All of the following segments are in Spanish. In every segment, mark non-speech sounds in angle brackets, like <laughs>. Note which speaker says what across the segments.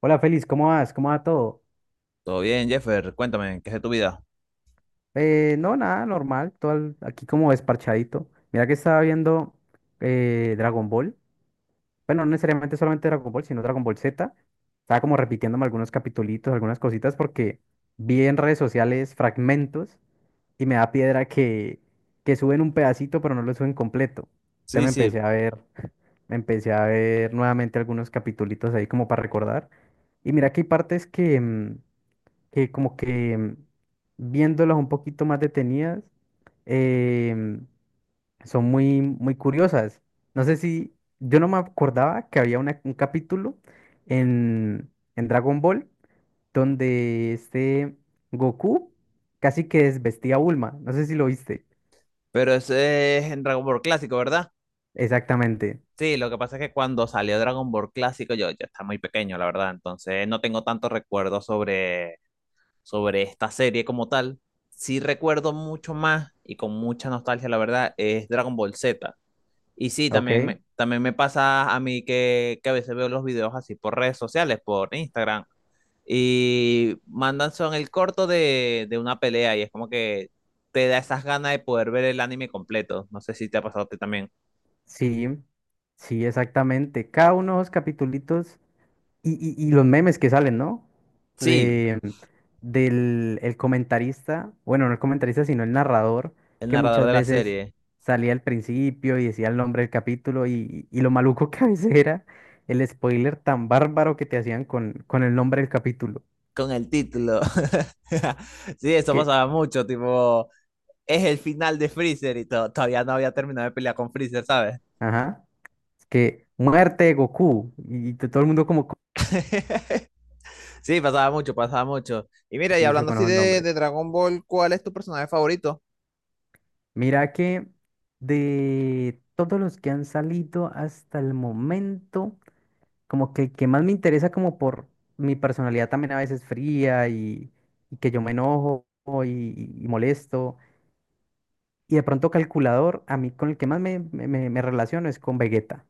Speaker 1: Hola Félix, ¿cómo vas? ¿Cómo va todo?
Speaker 2: Todo bien, Jeffer, cuéntame, ¿qué es de tu vida?
Speaker 1: No, nada, normal, aquí como desparchadito. Mira que estaba viendo Dragon Ball. Bueno, no necesariamente solamente Dragon Ball, sino Dragon Ball Z. Estaba como repitiéndome algunos capitulitos, algunas cositas, porque vi en redes sociales fragmentos y me da piedra que suben un pedacito, pero no lo suben completo. Entonces
Speaker 2: Sí,
Speaker 1: me empecé
Speaker 2: sí.
Speaker 1: a ver, <laughs> me empecé a ver nuevamente algunos capitulitos ahí como para recordar. Y mira que hay partes que como que viéndolas un poquito más detenidas, em, son muy, muy curiosas. No sé si, yo no me acordaba que había un capítulo en, en Dragon Ball donde este Goku casi que desvestía a Bulma. No sé si lo viste.
Speaker 2: Pero ese es en Dragon Ball Clásico, ¿verdad?
Speaker 1: Exactamente.
Speaker 2: Sí, lo que pasa es que cuando salió Dragon Ball Clásico yo ya estaba muy pequeño, la verdad, entonces no tengo tantos recuerdos sobre esta serie como tal. Sí recuerdo mucho más y con mucha nostalgia, la verdad, es Dragon Ball Z. Y sí, también
Speaker 1: Ok.
Speaker 2: me, también me pasa a mí que a veces veo los videos así por redes sociales, por Instagram, y mandan son el corto de una pelea y es como que te da esas ganas de poder ver el anime completo. No sé si te ha pasado a ti también.
Speaker 1: Sí, sí, exactamente. Cada uno de los capítulos. Y, y los memes que salen, ¿no?
Speaker 2: Sí,
Speaker 1: De, Del el comentarista, bueno, no el comentarista, sino el narrador,
Speaker 2: el
Speaker 1: que
Speaker 2: narrador
Speaker 1: muchas
Speaker 2: de la
Speaker 1: veces
Speaker 2: serie,
Speaker 1: salía al principio y decía el nombre del capítulo y lo maluco que a veces era el spoiler tan bárbaro que te hacían con el nombre del capítulo.
Speaker 2: con el título. <laughs> Sí, eso
Speaker 1: Que,
Speaker 2: pasaba mucho, tipo, es el final de Freezer y todavía no había terminado de pelear con Freezer, ¿sabes?
Speaker 1: ajá, que muerte de Goku y todo el mundo como con
Speaker 2: <laughs> Sí, pasaba mucho, pasaba mucho. Y mira, y
Speaker 1: vicio
Speaker 2: hablando
Speaker 1: con
Speaker 2: así
Speaker 1: esos
Speaker 2: de,
Speaker 1: nombres.
Speaker 2: de Dragon Ball, ¿cuál es tu personaje favorito?
Speaker 1: Mira que de todos los que han salido hasta el momento, como que el que más me interesa como por mi personalidad también a veces fría y que yo me enojo y molesto. Y de pronto calculador, a mí con el que más me relaciono es con Vegeta.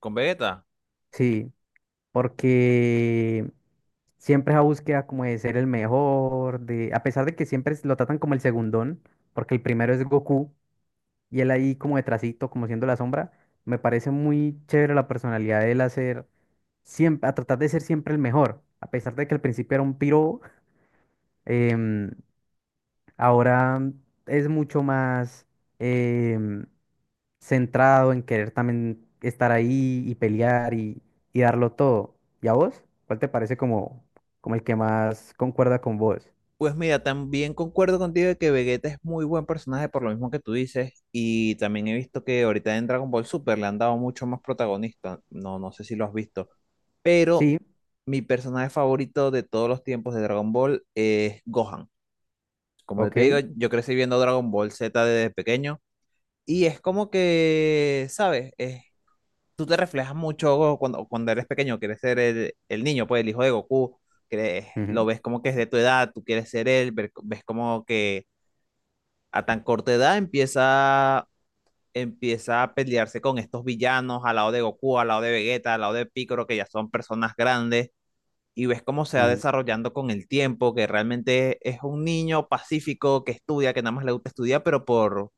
Speaker 2: Con Vegeta.
Speaker 1: Sí, porque siempre esa búsqueda como de ser el mejor, de, a pesar de que lo tratan como el segundón, porque el primero es Goku y él ahí como detrásito, como siendo la sombra. Me parece muy chévere la personalidad de él hacer siempre, a tratar de ser siempre el mejor. A pesar de que al principio era un piro, em, ahora es mucho más em, centrado en querer también estar ahí y pelear y darlo todo. ¿Y a vos? ¿Cuál te parece como, como el que más concuerda con vos?
Speaker 2: Pues mira, también concuerdo contigo de que Vegeta es muy buen personaje por lo mismo que tú dices y también he visto que ahorita en Dragon Ball Super le han dado mucho más protagonista, no, no sé si lo has visto, pero
Speaker 1: Sí,
Speaker 2: mi personaje favorito de todos los tiempos de Dragon Ball es Gohan. Como yo te digo,
Speaker 1: ok.
Speaker 2: yo crecí viendo Dragon Ball Z desde pequeño y es como que, ¿sabes? Tú te reflejas mucho cuando eres pequeño, quieres ser el niño, pues el hijo de Goku, crees
Speaker 1: Ujú,
Speaker 2: lo ves como que es de tu edad, tú quieres ser él, ves como que a tan corta edad empieza a pelearse con estos villanos al lado de Goku, al lado de Vegeta, al lado de Piccolo, que ya son personas grandes, y ves cómo se va
Speaker 1: ujú.
Speaker 2: desarrollando con el tiempo, que realmente es un niño pacífico que estudia, que nada más le gusta estudiar, pero por,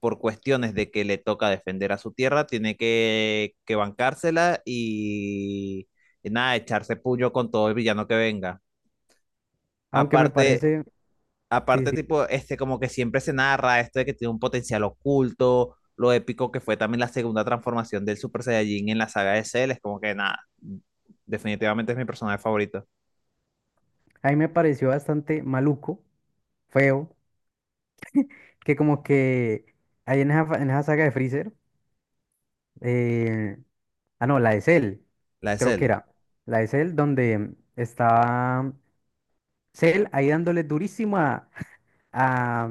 Speaker 2: por cuestiones de que le toca defender a su tierra, tiene que bancársela y nada, echarse puño con todo el villano que venga.
Speaker 1: Aunque me
Speaker 2: Aparte,
Speaker 1: parece, sí,
Speaker 2: aparte,
Speaker 1: sí,
Speaker 2: tipo, este, como que siempre se narra esto de que tiene un potencial oculto, lo épico que fue también la segunda transformación del Super Saiyajin en la saga de Cell, es como que nada, definitivamente es mi personaje favorito,
Speaker 1: a mí me pareció bastante maluco, feo, que como que ahí en en esa saga de Freezer, eh, ah, no, la de Cell,
Speaker 2: la de
Speaker 1: creo que
Speaker 2: Cell.
Speaker 1: era. La de Cell donde estaba Cell ahí dándole durísimo a,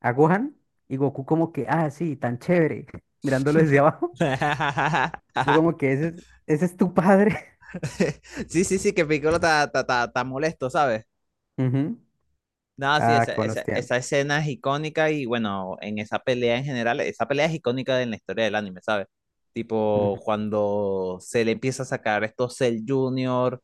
Speaker 1: a Gohan y Goku como que, ah, sí, tan chévere, <laughs> mirándolo desde abajo.
Speaker 2: <laughs>
Speaker 1: <laughs> Yo como que ese es tu padre.
Speaker 2: Sí, sí, sí, que Piccolo está molesto, ¿sabes?
Speaker 1: <laughs> Ujú.
Speaker 2: No, sí,
Speaker 1: Ah,
Speaker 2: esa,
Speaker 1: qué buenos
Speaker 2: esa, esa
Speaker 1: tiempos.
Speaker 2: escena es icónica y bueno, en esa pelea en general, esa pelea es icónica en la historia del anime, ¿sabes?
Speaker 1: Ujú.
Speaker 2: Tipo, cuando Cell empieza a sacar estos Cell Junior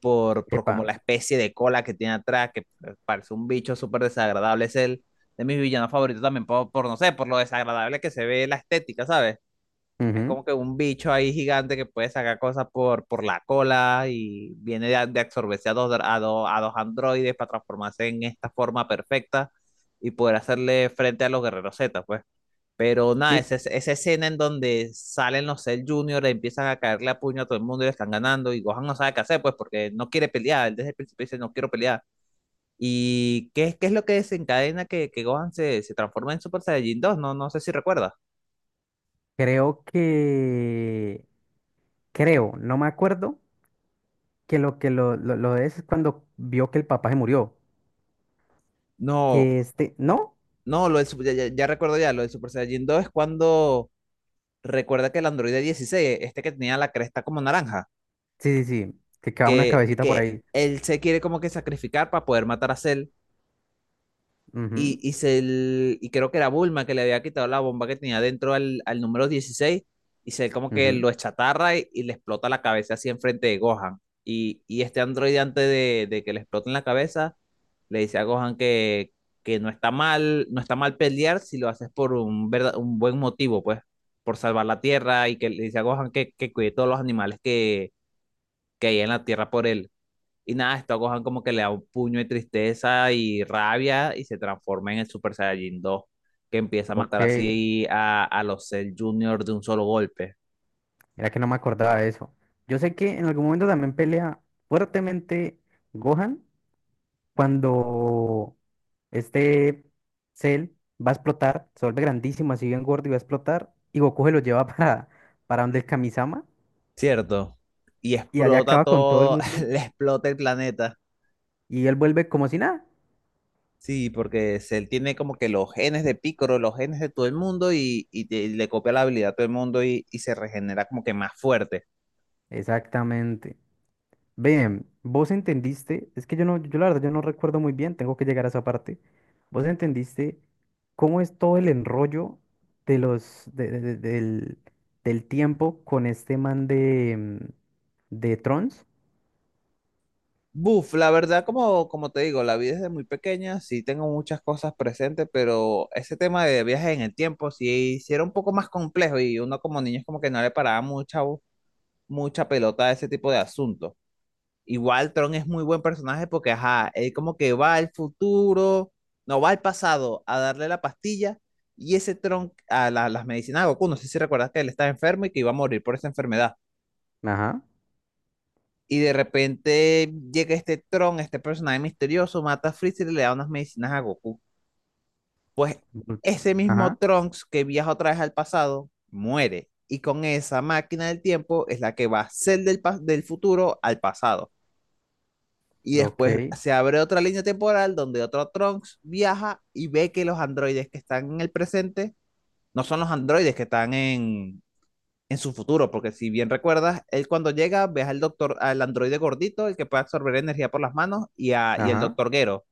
Speaker 2: por
Speaker 1: Epa.
Speaker 2: como la especie de cola que tiene atrás, que parece un bicho súper desagradable. Es el de mis villanos favoritos también, por, no sé, por lo desagradable que se ve la estética, ¿sabes? Es
Speaker 1: Ujú.
Speaker 2: como que un bicho ahí gigante que puede sacar cosas por la cola y viene de absorberse a dos androides para transformarse en esta forma perfecta y poder hacerle frente a los guerreros Z, pues. Pero nada,
Speaker 1: Mi-
Speaker 2: esa escena en donde salen los Cell Junior, empiezan a caerle a puño a todo el mundo y le están ganando. Y Gohan no sabe qué hacer, pues, porque no quiere pelear. Él desde el principio dice: No quiero pelear. ¿Y qué es lo que desencadena que Gohan se transforma en Super Saiyajin dos? No, no sé si recuerdas.
Speaker 1: Creo que, creo, no me acuerdo, que lo es cuando vio que el papá se murió.
Speaker 2: No,
Speaker 1: Que este, ¿no?
Speaker 2: no, ya recuerdo ya. Lo del Super Saiyajin dos es cuando recuerda que el androide 16 este que tenía la cresta como naranja,
Speaker 1: Sí, sí, sí, que queda una
Speaker 2: que,
Speaker 1: cabecita por
Speaker 2: que
Speaker 1: ahí.
Speaker 2: él se quiere como que sacrificar para poder matar a Cell y,
Speaker 1: Ujú,
Speaker 2: y, se el- y creo que era Bulma que le había quitado la bomba que tenía dentro al número 16 y se como que
Speaker 1: ujú.
Speaker 2: lo chatarra y le explota la cabeza así enfrente de Gohan. Y este androide antes de que le explote en la cabeza le dice a Gohan que no está mal, no está mal pelear si lo haces por un buen motivo, pues, por salvar la tierra y que le dice a Gohan que cuide todos los animales que hay en la tierra por él. Y nada, esto a Gohan como que le da un puño de tristeza y rabia y se transforma en el Super Saiyajin dos que empieza a
Speaker 1: Ok,
Speaker 2: matar
Speaker 1: era
Speaker 2: así a los Cell Junior de un solo golpe,
Speaker 1: que no me acordaba de eso. Yo sé que en algún momento también pelea fuertemente Gohan cuando este Cell va a explotar, se vuelve grandísimo, así bien gordo y va a explotar, y Goku se lo lleva <laughs> para donde el Kamisama,
Speaker 2: ¿cierto? Y
Speaker 1: y allá
Speaker 2: explota
Speaker 1: acaba con todo el
Speaker 2: todo,
Speaker 1: mundo,
Speaker 2: <laughs> le explota el planeta.
Speaker 1: y él vuelve como si nada.
Speaker 2: Sí, porque Cell tiene como que los genes de Piccolo, los genes de todo el mundo y le copia la habilidad a todo el mundo y se regenera como que más fuerte.
Speaker 1: Exactamente. Ven, vos entendiste, es que yo no, yo la verdad, yo no recuerdo muy bien, tengo que llegar a esa parte. Vos entendiste cómo es todo el enrollo de del, del tiempo con este man de, de Trons.
Speaker 2: Buf, la verdad, como te digo, la vida es de muy pequeña, sí tengo muchas cosas presentes, pero ese tema de viajes en el tiempo sí, sí era un poco más complejo y uno como niño es como que no le paraba mucha pelota a ese tipo de asuntos. Igual Tron es muy buen personaje porque, ajá, él como que va al futuro, no va al pasado a darle la pastilla y ese Tron las medicinas de Goku, no sé si recuerdas que él estaba enfermo y que iba a morir por esa enfermedad.
Speaker 1: Ajá.
Speaker 2: Y de repente llega este Tron, este personaje misterioso, mata a Freezer y le da unas medicinas a Goku.
Speaker 1: Ujú.
Speaker 2: Ese mismo
Speaker 1: Ajá.
Speaker 2: Trunks que viaja otra vez al pasado, muere. Y con esa máquina del tiempo es la que va a ser del futuro al pasado. Y
Speaker 1: Ok.
Speaker 2: después se abre otra línea temporal donde otro Trunks viaja y ve que los androides que están en el presente no son los androides que están en su futuro, porque si bien recuerdas, él cuando llega ves al doctor, al androide gordito, el que puede absorber energía por las manos, y el
Speaker 1: Ajá.
Speaker 2: doctor Gero.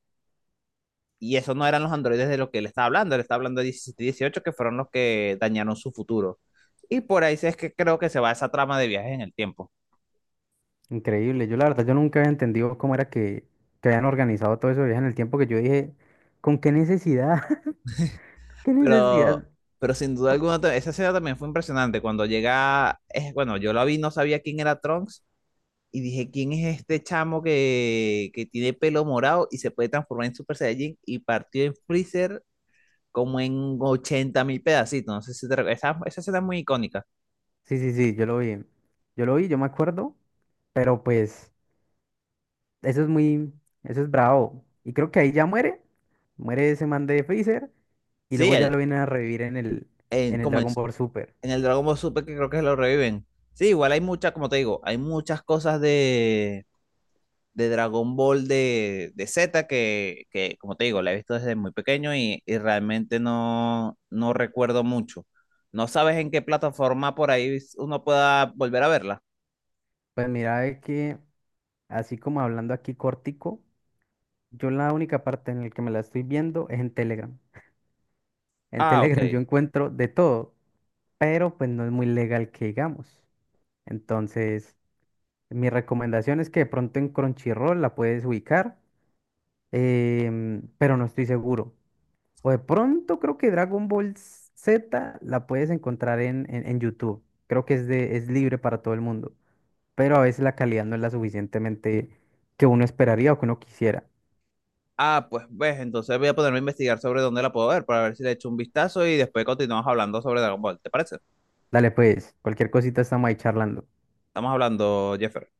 Speaker 2: Y esos no eran los androides de los que él estaba hablando de 17 y 18, que fueron los que dañaron su futuro. Y por ahí sí es que creo que se va esa trama de viajes en el tiempo.
Speaker 1: Increíble. Yo la verdad, yo nunca había entendido cómo era que habían organizado todo eso de viaje en el tiempo que yo dije, ¿con qué necesidad? <laughs> ¿Qué
Speaker 2: Pero,
Speaker 1: necesidad?
Speaker 2: pero sin duda alguna, esa escena también fue impresionante. Cuando llega, es, bueno, yo la vi, no sabía quién era Trunks, y dije, ¿quién es este chamo que tiene pelo morado y se puede transformar en Super Saiyajin? Y partió en Freezer como en 80.000 pedacitos. No sé si te recuerdas. Esa escena es muy icónica.
Speaker 1: Sí, sí, sí, yo lo vi. Yo lo vi, yo me acuerdo, pero pues eso es muy, eso es bravo. Y creo que ahí ya muere, muere ese man de Freezer y
Speaker 2: Sí,
Speaker 1: luego ya
Speaker 2: el,
Speaker 1: lo vienen a revivir
Speaker 2: en,
Speaker 1: en el
Speaker 2: como
Speaker 1: Dragon Ball Super.
Speaker 2: en el Dragon Ball Super, que creo que lo reviven. Sí, igual hay muchas, como te digo, hay muchas cosas de, de, Dragon Ball de Z que, como te digo, la he visto desde muy pequeño y realmente no, no recuerdo mucho. No sabes en qué plataforma por ahí uno pueda volver a verla.
Speaker 1: Pues mira, es que así como hablando aquí cortico, yo la única parte en la que me la estoy viendo es en Telegram. En <laughs>
Speaker 2: Ah, ok.
Speaker 1: Telegram yo encuentro de todo, pero pues no es muy legal que digamos. Entonces, mi recomendación es que de pronto en Crunchyroll la puedes ubicar, pero no estoy seguro. O de pronto creo que Dragon Ball Z la puedes encontrar en YouTube. Creo que es, de, es libre para todo el mundo, pero a veces la calidad no es la suficientemente que uno esperaría o que uno quisiera.
Speaker 2: Ah, pues ves, entonces voy a ponerme a investigar sobre dónde la puedo ver para ver si le echo un vistazo y después continuamos hablando sobre Dragon Ball. ¿Te parece?
Speaker 1: Dale pues, cualquier cosita estamos ahí charlando.
Speaker 2: Estamos hablando, Jeffer.